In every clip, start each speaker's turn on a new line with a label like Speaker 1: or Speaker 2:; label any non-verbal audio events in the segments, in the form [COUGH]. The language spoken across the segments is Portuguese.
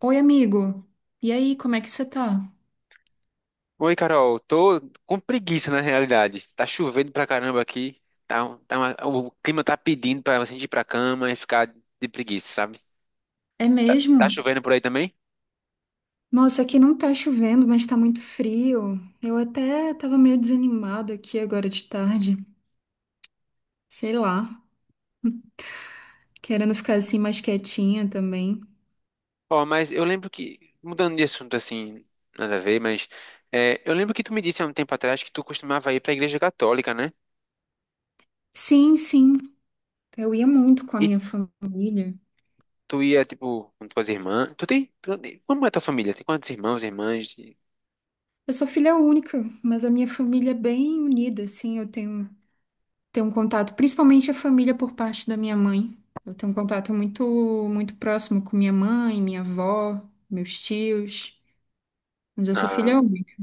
Speaker 1: Oi, amigo. E aí, como é que você tá?
Speaker 2: Oi, Carol. Tô com preguiça na realidade. Tá chovendo pra caramba aqui. Tá, o clima tá pedindo pra você ir pra cama e ficar de preguiça, sabe?
Speaker 1: É
Speaker 2: Tá,
Speaker 1: mesmo?
Speaker 2: tá chovendo por aí também?
Speaker 1: Nossa, aqui não tá chovendo, mas tá muito frio. Eu até tava meio desanimada aqui agora de tarde. Sei lá, querendo ficar assim mais quietinha também.
Speaker 2: Ó, mas eu lembro que, mudando de assunto assim, nada a ver, mas é, eu lembro que tu me disse há um tempo atrás que tu costumava ir pra igreja católica, né?
Speaker 1: Sim, sim. Eu ia muito com a
Speaker 2: E
Speaker 1: minha família.
Speaker 2: tu ia, tipo, com tuas irmãs. Como é tua família? Tem quantos irmãos, irmãs?
Speaker 1: Eu sou filha única, mas a minha família é bem unida, assim. Eu tenho um contato, principalmente a família por parte da minha mãe. Eu tenho um contato muito próximo com minha mãe, minha avó, meus tios. Mas eu sou
Speaker 2: Ah,
Speaker 1: filha única.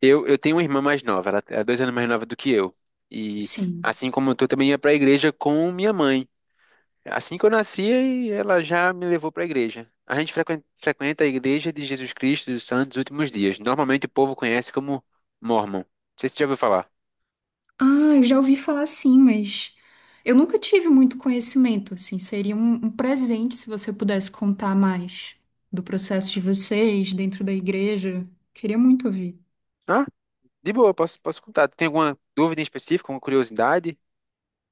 Speaker 2: eu tenho uma irmã mais nova, ela é 2 anos mais nova do que eu. E
Speaker 1: Sim.
Speaker 2: assim como eu tô, também ia pra igreja com minha mãe. Assim que eu nasci, e ela já me levou pra igreja. A gente frequenta a igreja de Jesus Cristo dos Santos dos Últimos Dias. Normalmente o povo conhece como Mormon. Não sei se você já ouviu falar.
Speaker 1: Ah, eu já ouvi falar sim, mas eu nunca tive muito conhecimento, assim. Seria um presente se você pudesse contar mais do processo de vocês dentro da igreja. Queria muito ouvir.
Speaker 2: Ah, de boa, posso contar. Tem alguma dúvida em específico, alguma curiosidade?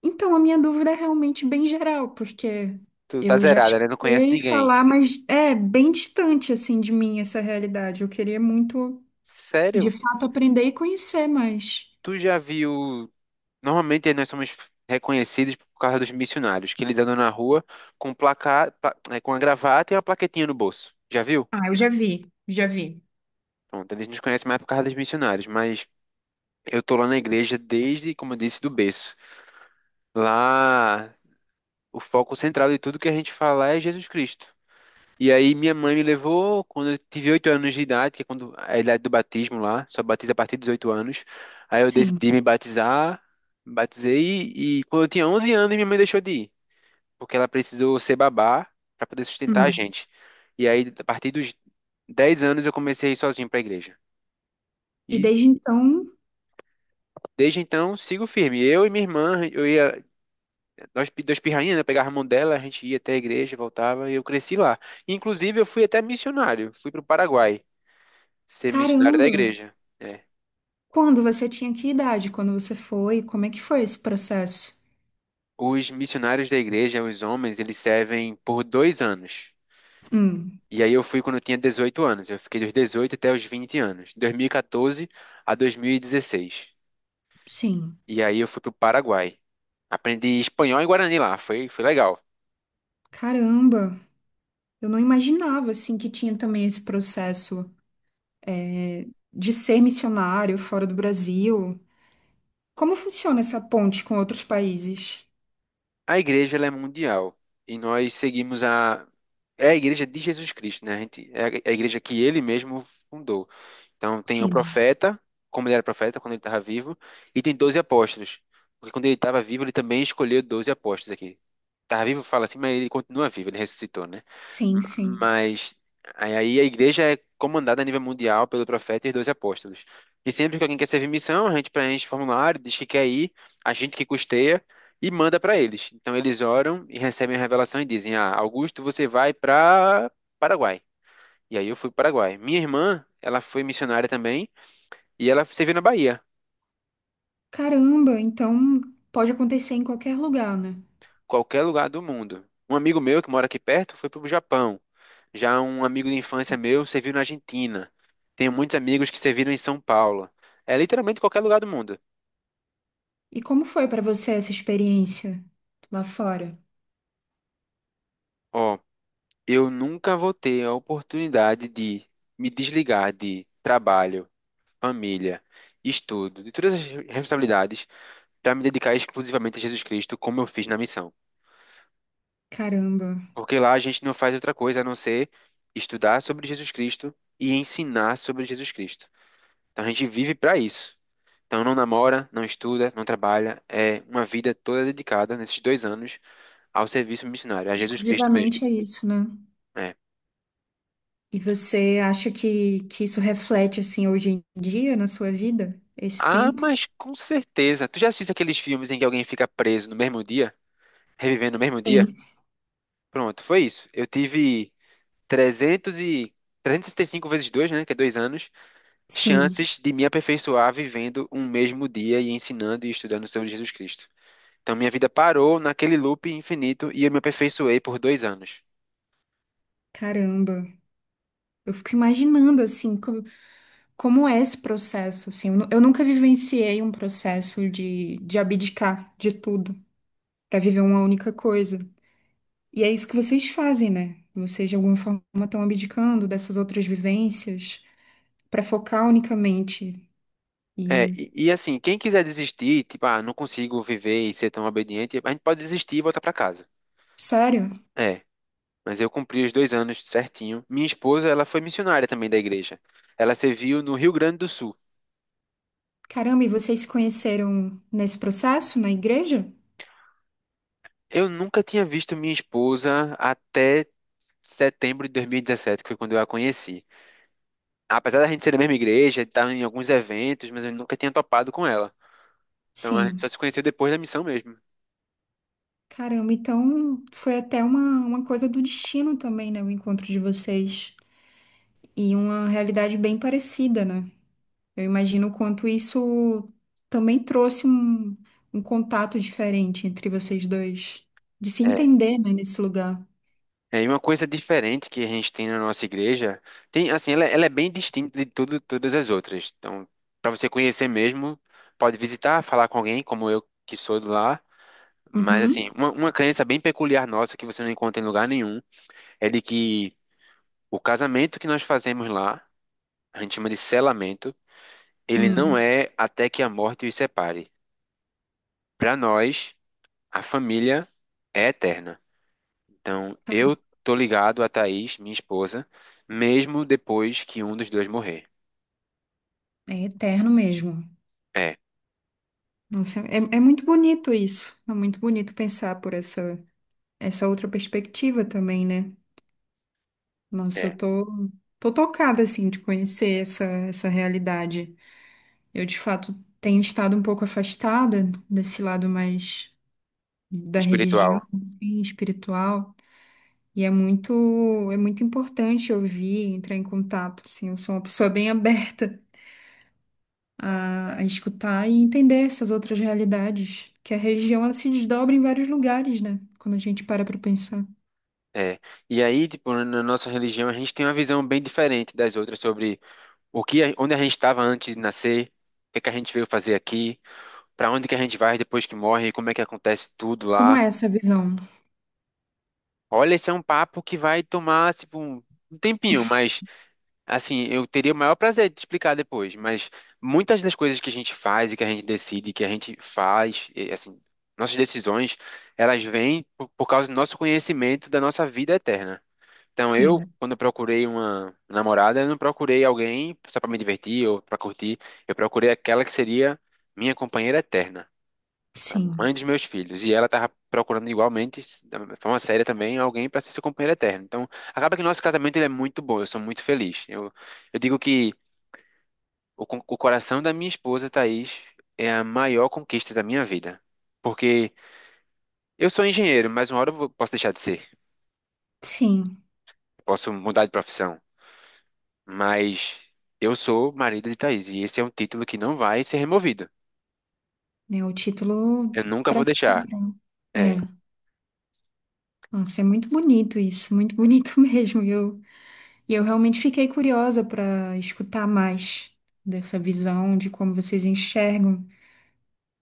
Speaker 1: Então, a minha dúvida é realmente bem geral, porque
Speaker 2: Tu tá
Speaker 1: eu já
Speaker 2: zerada, né? Não conhece
Speaker 1: escutei
Speaker 2: ninguém.
Speaker 1: falar, mas é bem distante, assim, de mim essa realidade. Eu queria muito, de
Speaker 2: Sério?
Speaker 1: fato, aprender e conhecer mais.
Speaker 2: Tu já viu? Normalmente nós somos reconhecidos por causa dos missionários, que eles andam na rua com placa, com a gravata e uma plaquetinha no bolso. Já viu?
Speaker 1: Ah, eu já vi, já vi.
Speaker 2: Pronto, eles nos conhecem mais por causa dos missionários, mas eu tô lá na igreja desde, como eu disse, do berço. Lá, o foco central de tudo que a gente fala é Jesus Cristo. E aí minha mãe me levou quando eu tive 8 anos de idade, que é quando a idade do batismo lá, só batiza a partir dos 8 anos. Aí eu
Speaker 1: Sim.
Speaker 2: decidi me batizar, batizei e quando eu tinha 11 anos minha mãe deixou de ir. Porque ela precisou ser babá para poder sustentar a
Speaker 1: Hum.
Speaker 2: gente. E aí, a partir dos 10 anos, eu comecei a ir sozinho para a igreja.
Speaker 1: E
Speaker 2: E
Speaker 1: desde então.
Speaker 2: desde então, sigo firme. Eu e minha irmã, eu ia, duas pirrainhas, né? Pegava a mão dela, a gente ia até a igreja, voltava, e eu cresci lá. Inclusive, eu fui até missionário, fui para o Paraguai ser missionário da
Speaker 1: Caramba!
Speaker 2: igreja. É.
Speaker 1: Quando você tinha que idade? Quando você foi? Como é que foi esse processo?
Speaker 2: Os missionários da igreja, os homens, eles servem por 2 anos.
Speaker 1: Hum,
Speaker 2: E aí eu fui quando eu tinha 18 anos. Eu fiquei dos 18 até os 20 anos, 2014 a 2016.
Speaker 1: sim.
Speaker 2: E aí eu fui pro Paraguai. Aprendi espanhol e guarani lá, foi legal.
Speaker 1: Caramba! Eu não imaginava, assim, que tinha também esse processo é, de ser missionário fora do Brasil. Como funciona essa ponte com outros países?
Speaker 2: A igreja ela é mundial e nós seguimos a é a igreja de Jesus Cristo, né? A gente, é a igreja que ele mesmo fundou. Então tem o
Speaker 1: Sim,
Speaker 2: profeta, como ele era profeta quando ele estava vivo, e tem 12 apóstolos. Porque quando ele estava vivo, ele também escolheu 12 apóstolos aqui. Estava vivo, fala assim, mas ele continua vivo, ele ressuscitou, né?
Speaker 1: sim,
Speaker 2: M-
Speaker 1: sim.
Speaker 2: Mas aí a igreja é comandada a nível mundial pelo profeta e os 12 apóstolos. E sempre que alguém quer servir missão, a gente preenche o formulário, diz que quer ir, a gente que custeia e manda para eles. Então eles oram e recebem a revelação e dizem: Ah, Augusto, você vai para Paraguai. E aí eu fui para o Paraguai. Minha irmã, ela foi missionária também e ela serviu na Bahia,
Speaker 1: Caramba, então pode acontecer em qualquer lugar, né?
Speaker 2: qualquer lugar do mundo. Um amigo meu que mora aqui perto foi para o Japão. Já um amigo de infância meu serviu na Argentina. Tenho muitos amigos que serviram em São Paulo. É literalmente qualquer lugar do mundo.
Speaker 1: E como foi para você essa experiência lá fora?
Speaker 2: Ó, eu nunca vou ter a oportunidade de me desligar de trabalho, família, estudo, de todas as responsabilidades para me dedicar exclusivamente a Jesus Cristo, como eu fiz na missão.
Speaker 1: Caramba,
Speaker 2: Porque lá a gente não faz outra coisa a não ser estudar sobre Jesus Cristo e ensinar sobre Jesus Cristo. Então a gente vive para isso. Então não namora, não estuda, não trabalha. É uma vida toda dedicada nesses 2 anos ao serviço missionário, a Jesus Cristo mesmo.
Speaker 1: exclusivamente é isso, né?
Speaker 2: É.
Speaker 1: E você acha que isso reflete, assim, hoje em dia na sua vida? Esse
Speaker 2: Ah,
Speaker 1: tempo?
Speaker 2: mas com certeza. Tu já assiste aqueles filmes em que alguém fica preso no mesmo dia, revivendo no mesmo dia?
Speaker 1: Sim.
Speaker 2: Pronto, foi isso. Eu tive 300 e... 365 vezes 2, né? Que é 2 anos.
Speaker 1: Sim,
Speaker 2: Chances de me aperfeiçoar vivendo um mesmo dia e ensinando e estudando sobre Jesus Cristo. Então, minha vida parou naquele loop infinito e eu me aperfeiçoei por 2 anos.
Speaker 1: caramba. Eu fico imaginando, assim, como é esse processo, assim. Eu nunca vivenciei um processo de abdicar de tudo para viver uma única coisa. E é isso que vocês fazem, né? Vocês, de alguma forma, estão abdicando dessas outras vivências para focar unicamente.
Speaker 2: É,
Speaker 1: E,
Speaker 2: e assim, quem quiser desistir, tipo, ah, não consigo viver e ser tão obediente, a gente pode desistir e voltar para casa.
Speaker 1: sério,
Speaker 2: É, mas eu cumpri os 2 anos certinho. Minha esposa, ela foi missionária também da igreja. Ela serviu no Rio Grande do Sul.
Speaker 1: caramba, e vocês se conheceram nesse processo, na igreja?
Speaker 2: Eu nunca tinha visto minha esposa até setembro de 2017, que foi quando eu a conheci. Apesar da gente ser da mesma igreja, estar em alguns eventos, mas eu nunca tinha topado com ela. Então a gente
Speaker 1: Sim.
Speaker 2: só se conheceu depois da missão mesmo.
Speaker 1: Caramba, então foi até uma coisa do destino também, né? O encontro de vocês. E uma realidade bem parecida, né? Eu imagino o quanto isso também trouxe um contato diferente entre vocês dois. De se
Speaker 2: É.
Speaker 1: entender, né, nesse lugar.
Speaker 2: É, e uma coisa diferente que a gente tem na nossa igreja, tem assim, ela é bem distinta de tudo, todas as outras. Então, para você conhecer mesmo, pode visitar, falar com alguém, como eu que sou de lá. Mas assim,
Speaker 1: Uhum.
Speaker 2: uma crença bem peculiar nossa que você não encontra em lugar nenhum é de que o casamento que nós fazemos lá, a gente chama de selamento, ele não
Speaker 1: Hum,
Speaker 2: é até que a morte os separe. Para nós, a família é eterna. Então, eu tô ligado a Thaís, minha esposa, mesmo depois que um dos dois morrer.
Speaker 1: é eterno mesmo.
Speaker 2: É,
Speaker 1: Nossa, é muito bonito isso. É muito bonito pensar por essa outra perspectiva também, né? Nossa,
Speaker 2: é.
Speaker 1: tô tocada, assim, de conhecer essa realidade. Eu, de fato, tenho estado um pouco afastada desse lado mais da religião,
Speaker 2: Espiritual.
Speaker 1: assim, espiritual. E é muito importante ouvir, entrar em contato, assim. Eu sou uma pessoa bem [LAUGHS] aberta a escutar e entender essas outras realidades. Que a religião, ela se desdobra em vários lugares, né? Quando a gente para pra pensar.
Speaker 2: É. E aí, tipo, na nossa religião, a gente tem uma visão bem diferente das outras sobre o que, onde a gente estava antes de nascer, o que é que a gente veio fazer aqui, para onde que a gente vai depois que morre, como é que acontece tudo
Speaker 1: Como
Speaker 2: lá.
Speaker 1: é essa visão?
Speaker 2: Olha, esse é um papo que vai tomar, tipo, um tempinho, mas assim, eu teria o maior prazer de te explicar depois, mas muitas das coisas que a gente faz e que a gente decide, que a gente faz, e, assim, nossas decisões, elas vêm por causa do nosso conhecimento da nossa vida eterna. Então, eu,
Speaker 1: Sim,
Speaker 2: quando eu procurei uma namorada, eu não procurei alguém só para me divertir ou para curtir, eu procurei aquela que seria minha companheira eterna mãe
Speaker 1: sim,
Speaker 2: dos meus filhos, e ela tava procurando igualmente, da mesma forma séria também, alguém para ser seu companheiro eterno. Então, acaba que nosso casamento ele é muito bom, eu sou muito feliz. Eu digo que o coração da minha esposa, Thaís, é a maior conquista da minha vida. Porque eu sou engenheiro, mas uma hora posso deixar de ser,
Speaker 1: sim.
Speaker 2: posso mudar de profissão, mas eu sou marido de Thaís, e esse é um título que não vai ser removido.
Speaker 1: É o título
Speaker 2: Eu nunca
Speaker 1: para
Speaker 2: vou deixar.
Speaker 1: sempre. É,
Speaker 2: É.
Speaker 1: nossa, é muito bonito isso, muito bonito [LAUGHS] mesmo. E eu realmente fiquei curiosa para escutar mais dessa visão de como vocês enxergam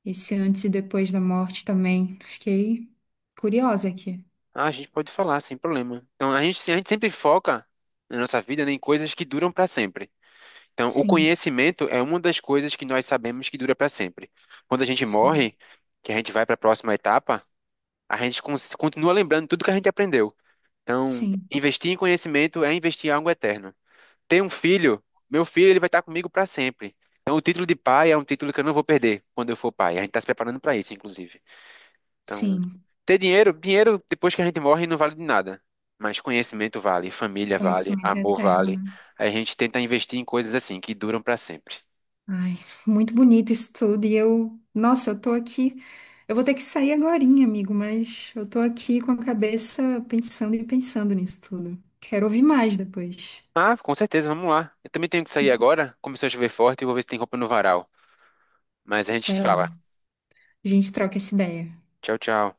Speaker 1: esse antes e depois da morte também. Fiquei curiosa aqui.
Speaker 2: Ah, a gente pode falar sem problema. Então, a gente sempre foca na nossa vida né, em coisas que duram para sempre. Então, o
Speaker 1: Sim,
Speaker 2: conhecimento é uma das coisas que nós sabemos que dura para sempre. Quando a gente
Speaker 1: sim,
Speaker 2: morre, que a gente vai para a próxima etapa, a gente continua lembrando tudo que a gente aprendeu. Então,
Speaker 1: sim,
Speaker 2: investir em conhecimento é investir em algo eterno. Ter um filho, meu filho, ele vai estar comigo para sempre. Então, o título de pai é um título que eu não vou perder quando eu for pai. A gente está se preparando para isso, inclusive. Então,
Speaker 1: sim.
Speaker 2: ter dinheiro, dinheiro depois que a gente morre não vale de nada. Mas conhecimento vale, família vale,
Speaker 1: Conhecimento
Speaker 2: amor vale.
Speaker 1: eterno.
Speaker 2: Aí a gente tenta investir em coisas assim que duram pra sempre.
Speaker 1: Ai, muito bonito isso tudo. E eu, nossa, eu tô aqui. Eu vou ter que sair agorinha, amigo, mas eu tô aqui com a cabeça pensando e pensando nisso tudo. Quero ouvir mais depois.
Speaker 2: Ah, com certeza, vamos lá. Eu também tenho que sair agora. Começou a chover forte e vou ver se tem roupa no varal. Mas a gente
Speaker 1: Vai
Speaker 2: se fala.
Speaker 1: lá, a gente troca essa ideia.
Speaker 2: Tchau, tchau.